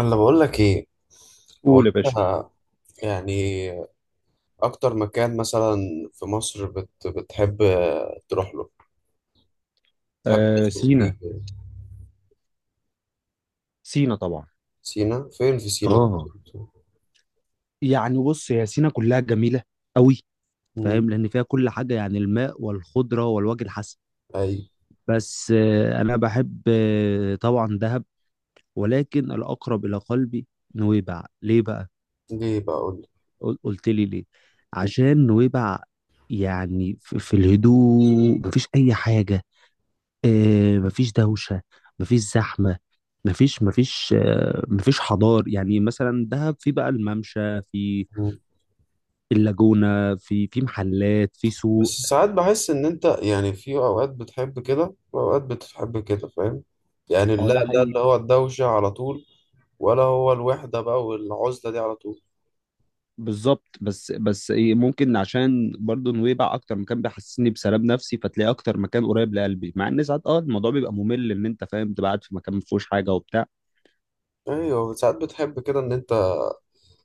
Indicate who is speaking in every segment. Speaker 1: انا بقول لك ايه. هو
Speaker 2: قول يا
Speaker 1: انت
Speaker 2: باشا.
Speaker 1: يعني اكتر مكان مثلا في مصر بتحب تروح له، تحب
Speaker 2: آه،
Speaker 1: تخرج
Speaker 2: سينا.
Speaker 1: فيه كده؟
Speaker 2: سينا طبعا.
Speaker 1: سينا فين في سينا
Speaker 2: اه
Speaker 1: بالظبط؟
Speaker 2: يعني بص، هي سينا كلها جميلة قوي.
Speaker 1: مم.
Speaker 2: فاهم، لأن فيها كل حاجة، يعني الماء والخضرة والوجه الحسن.
Speaker 1: اي.
Speaker 2: بس، أنا بحب، طبعا، دهب. ولكن الأقرب إلى قلبي نويبع. ليه بقى؟
Speaker 1: ليه بقى اقول لك.
Speaker 2: قلت لي ليه؟ عشان نويبع، يعني في الهدوء مفيش أي حاجة. مفيش دوشة. مفيش زحمة. مفيش حضار. يعني مثلا دهب، في بقى الممشى، في
Speaker 1: مم.
Speaker 2: اللاجونة، في محلات، في
Speaker 1: بس
Speaker 2: سوق.
Speaker 1: ساعات بحس ان انت يعني في اوقات بتحب كده واوقات بتحب كده، فاهم؟ يعني
Speaker 2: اه،
Speaker 1: لا
Speaker 2: ده
Speaker 1: لا،
Speaker 2: حقيقي.
Speaker 1: اللي هو الدوشة على طول ولا هو الوحدة بقى والعزلة دي على طول.
Speaker 2: بالظبط. بس ايه، ممكن عشان برضو نويبع اكتر مكان بيحسسني بسلام نفسي، فتلاقي اكتر مكان قريب لقلبي، مع ان ساعات الموضوع بيبقى ممل، ان انت فاهم، تبقى قاعد في مكان ما فيهوش حاجه وبتاع.
Speaker 1: ايوه، ساعات بتحب كده ان انت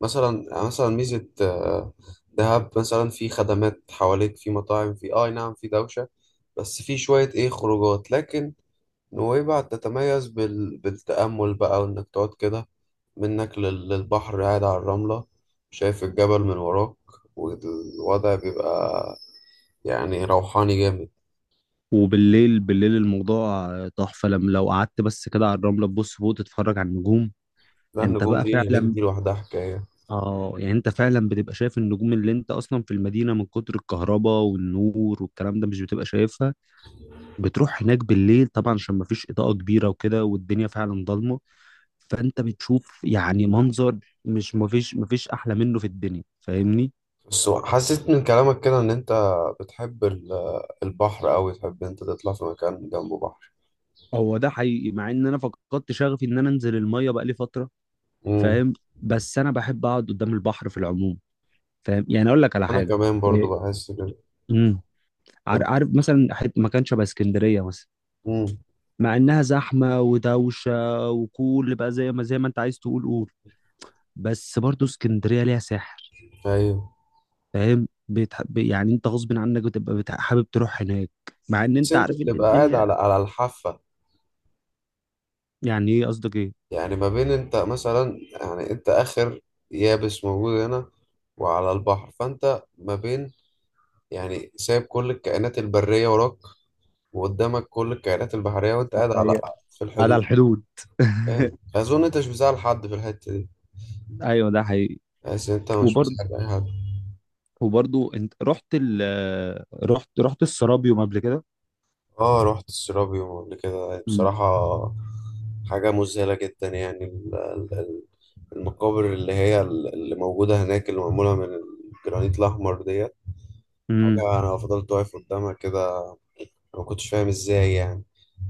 Speaker 1: مثلا ميزة، دهب مثلا في خدمات حواليك، في مطاعم، في اي نعم في دوشة، بس في شوية ايه خروجات. لكن نويبع تتميز بالتأمل بقى، وانك تقعد كده منك للبحر، قاعد على الرملة، شايف الجبل من وراك، والوضع بيبقى يعني روحاني جامد.
Speaker 2: وبالليل الموضوع تحفه، لما لو قعدت بس كده على الرمله، تبص فوق تتفرج على النجوم.
Speaker 1: لا
Speaker 2: انت
Speaker 1: النجوم
Speaker 2: بقى
Speaker 1: دي هناك
Speaker 2: فعلا؟
Speaker 1: دي لوحدها حكاية.
Speaker 2: اه يعني انت فعلا بتبقى شايف النجوم، اللي انت اصلا في المدينه من كتر الكهرباء والنور والكلام ده مش بتبقى شايفها. بتروح هناك بالليل طبعا عشان ما فيش اضاءه كبيره وكده، والدنيا فعلا ضلمه. فانت بتشوف يعني منظر، مش ما فيش ما فيش احلى منه في الدنيا، فاهمني.
Speaker 1: بس حسيت من كلامك كده ان انت بتحب البحر اوي، تحب إن انت تطلع في مكان جنبه.
Speaker 2: هو ده حقيقي، مع ان انا فقدت شغفي ان انا انزل الميه بقالي فتره،
Speaker 1: بحر.
Speaker 2: فاهم. بس انا بحب اقعد قدام البحر في العموم. فاهم؟ يعني اقول لك على
Speaker 1: انا
Speaker 2: حاجه.
Speaker 1: كمان برضو
Speaker 2: إيه،
Speaker 1: بحس كده.
Speaker 2: امم
Speaker 1: طب-
Speaker 2: عارف مثلا، مكان شبه اسكندريه مثلا.
Speaker 1: امم.
Speaker 2: مع انها زحمه ودوشه، وكل بقى زي ما انت عايز تقول قول. بس برضو اسكندريه ليها سحر.
Speaker 1: ايوه.
Speaker 2: فاهم. يعني انت غصب عنك بتبقى، حابب تروح هناك، مع ان
Speaker 1: بس
Speaker 2: انت
Speaker 1: انت
Speaker 2: عارف ان
Speaker 1: بتبقى قاعد
Speaker 2: الدنيا.
Speaker 1: على الحافه.
Speaker 2: يعني ايه؟ قصدك ايه؟
Speaker 1: يعني ما بين انت مثلا، يعني انت اخر يابس موجود هنا، وعلى البحر، فانت ما بين، يعني سايب كل الكائنات البريه وراك، وقدامك كل الكائنات البحريه، وانت
Speaker 2: ده
Speaker 1: قاعد على
Speaker 2: حقيقة.
Speaker 1: في
Speaker 2: على
Speaker 1: الحدود.
Speaker 2: الحدود.
Speaker 1: فاهم؟ اظن انت مش بتزعل حد في الحته دي.
Speaker 2: ايوه، ده حقيقي.
Speaker 1: بس انت مش
Speaker 2: وبرضو
Speaker 1: بتزعل اي حد.
Speaker 2: وبرضو انت رحت ال رحت رحت السرابيوم قبل كده.
Speaker 1: اه، رحت السيرابيوم قبل كده
Speaker 2: مم.
Speaker 1: بصراحه. حاجه مذهله جدا يعني. المقابر اللي هي اللي موجودة هناك، اللي معمولة من الجرانيت الأحمر ديت،
Speaker 2: امم
Speaker 1: حاجة. أنا فضلت واقف قدامها كده، أنا ما كنتش فاهم إزاي يعني.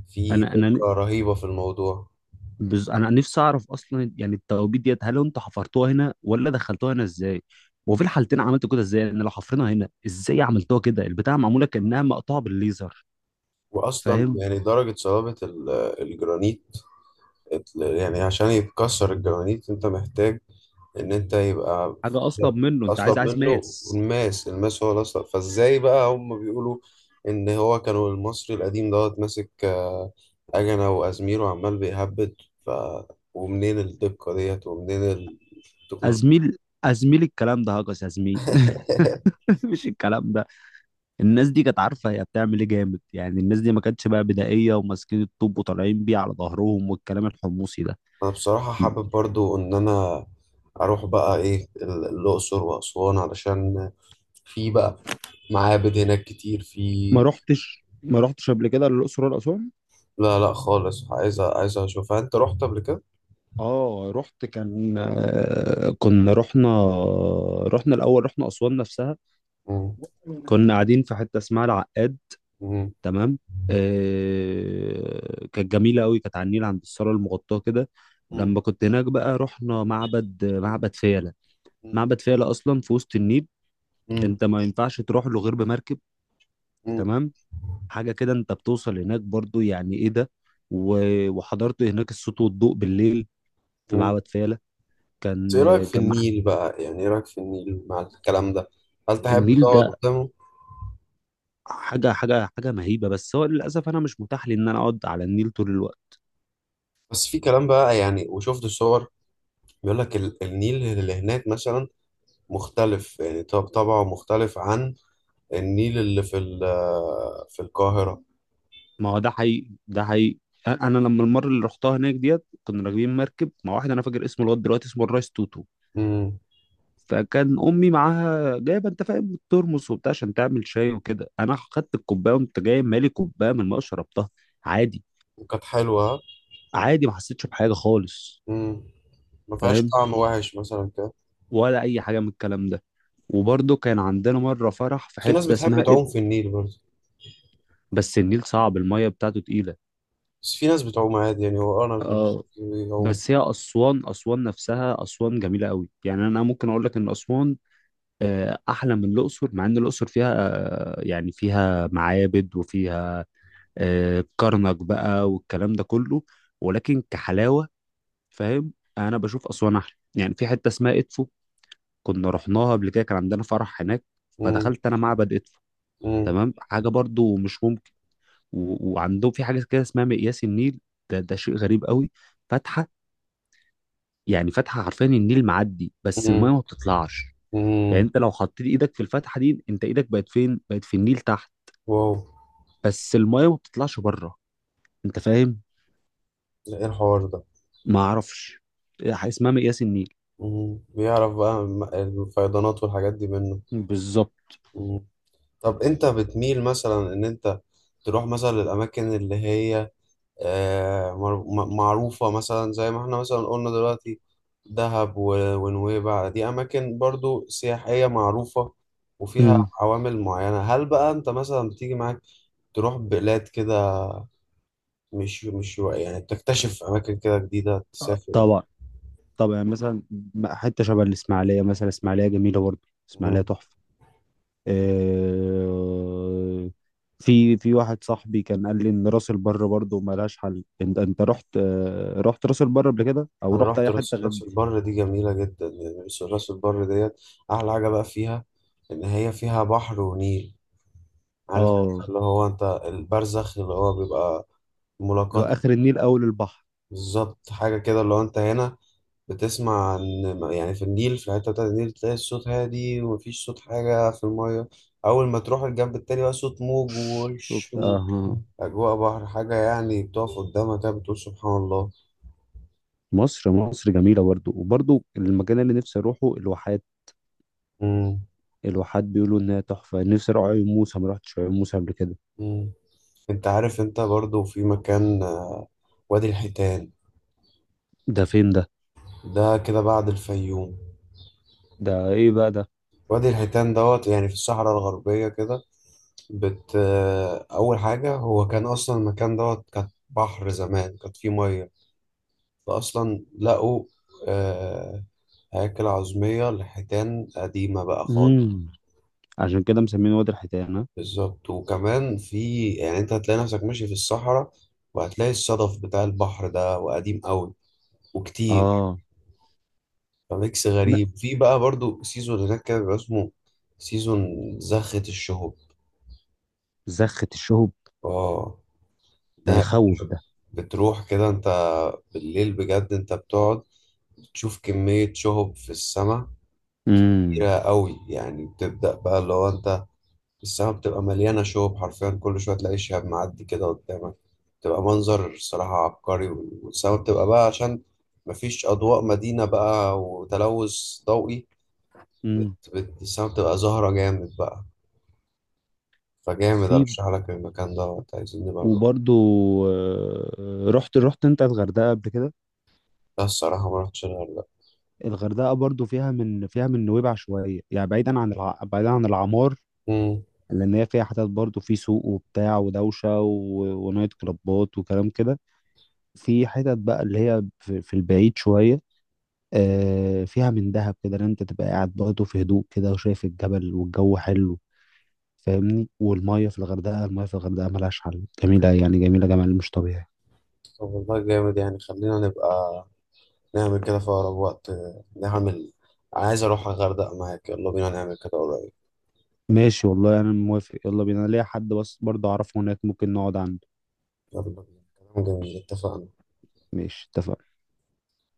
Speaker 1: في
Speaker 2: انا انا
Speaker 1: دقة رهيبة في الموضوع.
Speaker 2: انا نفسي اعرف اصلا، يعني التوابيت ديت هل انتوا حفرتوها هنا ولا دخلتوها هنا ازاي؟ وفي الحالتين عملتوا كده ازاي؟ ان لو حفرنا هنا ازاي عملتوها كده، البتاعه معموله كانها مقطوعه بالليزر،
Speaker 1: وأصلا
Speaker 2: فاهم.
Speaker 1: يعني درجة صلابة الجرانيت، يعني عشان يتكسر الجرانيت أنت محتاج ان انت يبقى
Speaker 2: حاجه اصلب منه، انت
Speaker 1: اصلا
Speaker 2: عايز
Speaker 1: منه
Speaker 2: ماس.
Speaker 1: الماس. الماس هو الاصل. فازاي بقى هم بيقولوا ان هو كانوا المصري القديم دوت ماسك، اجنه وازمير وعمال بيهبد، ف ومنين الدقه ديت؟ ومنين التكنولوجيا؟
Speaker 2: ازميل، ازميل، الكلام ده هجس يا زميل. مش الكلام ده. الناس دي كانت عارفه هي بتعمل ايه جامد، يعني الناس دي ما كانتش بقى بدائيه وماسكين الطوب وطالعين بيه على ظهرهم والكلام الحمصي ده.
Speaker 1: انا بصراحه حابب برضو ان انا اروح بقى ايه الاقصر واسوان، علشان في بقى معابد هناك كتير في.
Speaker 2: ما رحتش قبل كده للاقصر ولا اسوان؟
Speaker 1: لا لا خالص، عايز اشوفها. انت رحت قبل كده؟
Speaker 2: اه، رحت. كان آه، كنا رحنا الاول، رحنا اسوان نفسها.
Speaker 1: مم.
Speaker 2: كنا قاعدين في حته اسمها العقاد، تمام. كانت جميله قوي، كانت على النيل عند الصاله المغطاه كده.
Speaker 1: مم.
Speaker 2: لما كنت هناك بقى رحنا معبد فيلة.
Speaker 1: مم.
Speaker 2: معبد فيلة اصلا في وسط النيل،
Speaker 1: مم.
Speaker 2: انت ما ينفعش تروح له غير بمركب، تمام. حاجه كده، انت بتوصل هناك برضو، يعني ايه ده. وحضرت هناك الصوت والضوء بالليل، في
Speaker 1: مم.
Speaker 2: معبد فيلة.
Speaker 1: بس
Speaker 2: كان
Speaker 1: ايه رأيك في
Speaker 2: كان مح-
Speaker 1: النيل بقى؟ يعني ايه رأيك في النيل مع الكلام ده؟ هل تحب
Speaker 2: النيل
Speaker 1: تقعد
Speaker 2: ده،
Speaker 1: قدامه؟
Speaker 2: حاجه مهيبه. بس هو للاسف انا مش متاح لي ان انا اقعد على النيل طول الوقت.
Speaker 1: بس في كلام بقى يعني، وشفت الصور، بيقول لك النيل اللي هناك مثلا مختلف، يعني طب طبعه مختلف عن النيل اللي في في القاهرة.
Speaker 2: ما هو ده حقيقي، ده حقيقي. انا لما المره اللي رحتها هناك ديت، كنا راكبين مركب مع واحد، انا فاكر اسمه لغايه دلوقتي، اسمه الرايس توتو.
Speaker 1: امم.
Speaker 2: فكان امي معاها جايبه انت فاهم الترمس وبتاع عشان تعمل شاي وكده، انا خدت الكوبايه وانت جاي مالي كوبايه من الماء، شربتها عادي.
Speaker 1: وكانت حلوة.
Speaker 2: عادي، ما حسيتش بحاجه خالص،
Speaker 1: امم. ما فيهاش
Speaker 2: فاهم،
Speaker 1: طعم وحش مثلا كده؟
Speaker 2: ولا اي حاجه من الكلام ده. وبرده كان عندنا مره فرح في
Speaker 1: بس في ناس
Speaker 2: حته
Speaker 1: بتحب
Speaker 2: اسمها إد.
Speaker 1: تعوم في النيل برضه.
Speaker 2: بس النيل صعب، الميه بتاعته تقيله.
Speaker 1: بس في ناس بتعوم عادي، يعني هو انا
Speaker 2: اه.
Speaker 1: بيعوم.
Speaker 2: بس هي أسوان، أسوان نفسها، أسوان جميلة قوي، يعني أنا ممكن أقول لك إن أسوان أحلى من الأقصر، مع إن الأقصر فيها يعني فيها معابد، وفيها كرنك بقى والكلام ده كله. ولكن كحلاوة، فاهم، أنا بشوف أسوان أحلى، يعني في حتة اسمها إدفو، كنا رحناها قبل كده، كان عندنا فرح هناك.
Speaker 1: امم.
Speaker 2: فدخلت أنا معبد إدفو،
Speaker 1: امم.
Speaker 2: تمام، حاجة برضو مش ممكن. وعندهم في حاجة كده اسمها مقياس النيل، ده شيء غريب قوي. فاتحة، يعني فتحة حرفيا، النيل معدي بس المية ما بتطلعش. يعني
Speaker 1: امم.
Speaker 2: انت لو حطيت ايدك في الفتحة دي، انت ايدك بقت فين؟ بقت في النيل تحت،
Speaker 1: واو.
Speaker 2: بس المية ما بتطلعش بره، انت فاهم.
Speaker 1: لا، ايه الحوار ده؟
Speaker 2: ما اعرفش، إيه اسمها، مقياس النيل.
Speaker 1: مم. بيعرف بقى الفيضانات والحاجات دي منه.
Speaker 2: بالظبط.
Speaker 1: مم. طب انت بتميل مثلا ان انت تروح مثلا للاماكن اللي هي، معروفة مثلا زي ما احنا مثلا قلنا دلوقتي، دهب ونويبع، دي اماكن برضو سياحية معروفة وفيها
Speaker 2: مم.
Speaker 1: عوامل معينة. هل بقى انت مثلا بتيجي معاك تروح بلاد كده، مش يعني تكتشف اماكن كده جديدة، تسافر؟
Speaker 2: طبعا طبعا، يعني مثلا حته شبه الاسماعيليه مثلا، الاسماعيليه جميله برضه، الاسماعيليه تحفه. آه، في واحد صاحبي كان قال لي ان راس البر برضه ملهاش حل، انت رحت راس البر قبل كده، او
Speaker 1: انا
Speaker 2: رحت
Speaker 1: رحت
Speaker 2: اي
Speaker 1: راس
Speaker 2: حته غير
Speaker 1: راس
Speaker 2: دي؟
Speaker 1: البر. دي جميله جدا يعني. راس البر ديت احلى حاجه بقى فيها ان هي فيها بحر ونيل. عارف
Speaker 2: اه.
Speaker 1: أنت اللي هو انت البرزخ اللي هو بيبقى
Speaker 2: لو
Speaker 1: ملاقات.
Speaker 2: اخر النيل، اول البحر.
Speaker 1: بالظبط، حاجه كده اللي هو انت هنا بتسمع ان يعني في النيل، في الحته بتاعت النيل، تلاقي الصوت هادي ومفيش صوت حاجه في الميه. اول ما تروح الجنب التاني بقى، صوت موج ووش
Speaker 2: وبتاع. آه.
Speaker 1: واجواء بحر، حاجه يعني بتقف قدامها كده بتقول سبحان الله.
Speaker 2: مصر مصر جميله برضو، وبرضو المكان اللي نفسي اروحه الواحات.
Speaker 1: امم.
Speaker 2: الواحات بيقولوا انها تحفه. نفسي اروح عيون موسى، ما رحتش عيون موسى قبل كده.
Speaker 1: أمم. انت عارف انت برضو في مكان، وادي الحيتان.
Speaker 2: ده فين ده؟
Speaker 1: ده كده بعد الفيوم.
Speaker 2: ده ايه بقى ده؟
Speaker 1: وادي الحيتان دوت يعني في الصحراء الغربية كده. بت أول حاجة، هو كان أصلا المكان دوت كانت بحر زمان، كانت فيه مية، فأصلا لقوا آه، هياكل عظمية لحيتان قديمة بقى خالص.
Speaker 2: امم عشان كده مسمينه وادي الحيتان، ها؟
Speaker 1: بالظبط، وكمان في يعني أنت هتلاقي نفسك ماشي في الصحراء، وهتلاقي الصدف بتاع البحر ده وقديم أوي وكتير.
Speaker 2: اه.
Speaker 1: فميكس
Speaker 2: لا.
Speaker 1: غريب. في بقى برضو سيزون هناك كده بيبقى اسمه سيزون زخة الشهب.
Speaker 2: زخة الشهب؟
Speaker 1: اه.
Speaker 2: ده
Speaker 1: ده
Speaker 2: يخوف ده.
Speaker 1: بتروح كده انت بالليل، بجد انت بتقعد تشوف كمية شهب في السماء
Speaker 2: امم
Speaker 1: كبيرة قوي. يعني بتبدأ بقى اللي هو انت السماء بتبقى مليانة شهب حرفيا، كل شوية تلاقي شهاب معدي كده قدامك، بتبقى منظر الصراحة عبقري. والسماء بتبقى بقى عشان مفيش أضواء مدينة بقى وتلوث ضوئي،
Speaker 2: امم
Speaker 1: السماء بتبقى زهرة جامد بقى. فجامد
Speaker 2: في
Speaker 1: ارشح لك المكان دوت. عايزين نبقى نروح.
Speaker 2: وبرضو، رحت انت الغردقه قبل كده؟
Speaker 1: لا الصراحه ما رحتش انا ولا.
Speaker 2: الغردقه برضو فيها، من نويبع شويه، يعني بعيدا عن بعيدا عن العمار.
Speaker 1: امم.
Speaker 2: لان هي فيها حتت برضه، في سوق وبتاع ودوشه ونايت كلابات وكلام كده. في حتت بقى اللي هي في البعيد شويه، فيها من دهب كده، ان انت تبقى قاعد برضه في هدوء كده، وشايف الجبل والجو حلو، فاهمني. والميه في الغردقه، الميه في الغردقه ملهاش حل، جميله يعني جميله، جمال مش طبيعي.
Speaker 1: طب والله جامد، يعني خلينا نبقى نعمل كده في اقرب وقت. نعمل. عايز اروح الغردقه معاك، يلا بينا نعمل كده قريب.
Speaker 2: ماشي والله انا موافق، يلا بينا. أنا ليا حد بس برضه اعرفه هناك، ممكن نقعد عنده.
Speaker 1: يلا بينا. كلام جميل، اتفقنا.
Speaker 2: ماشي، اتفقنا.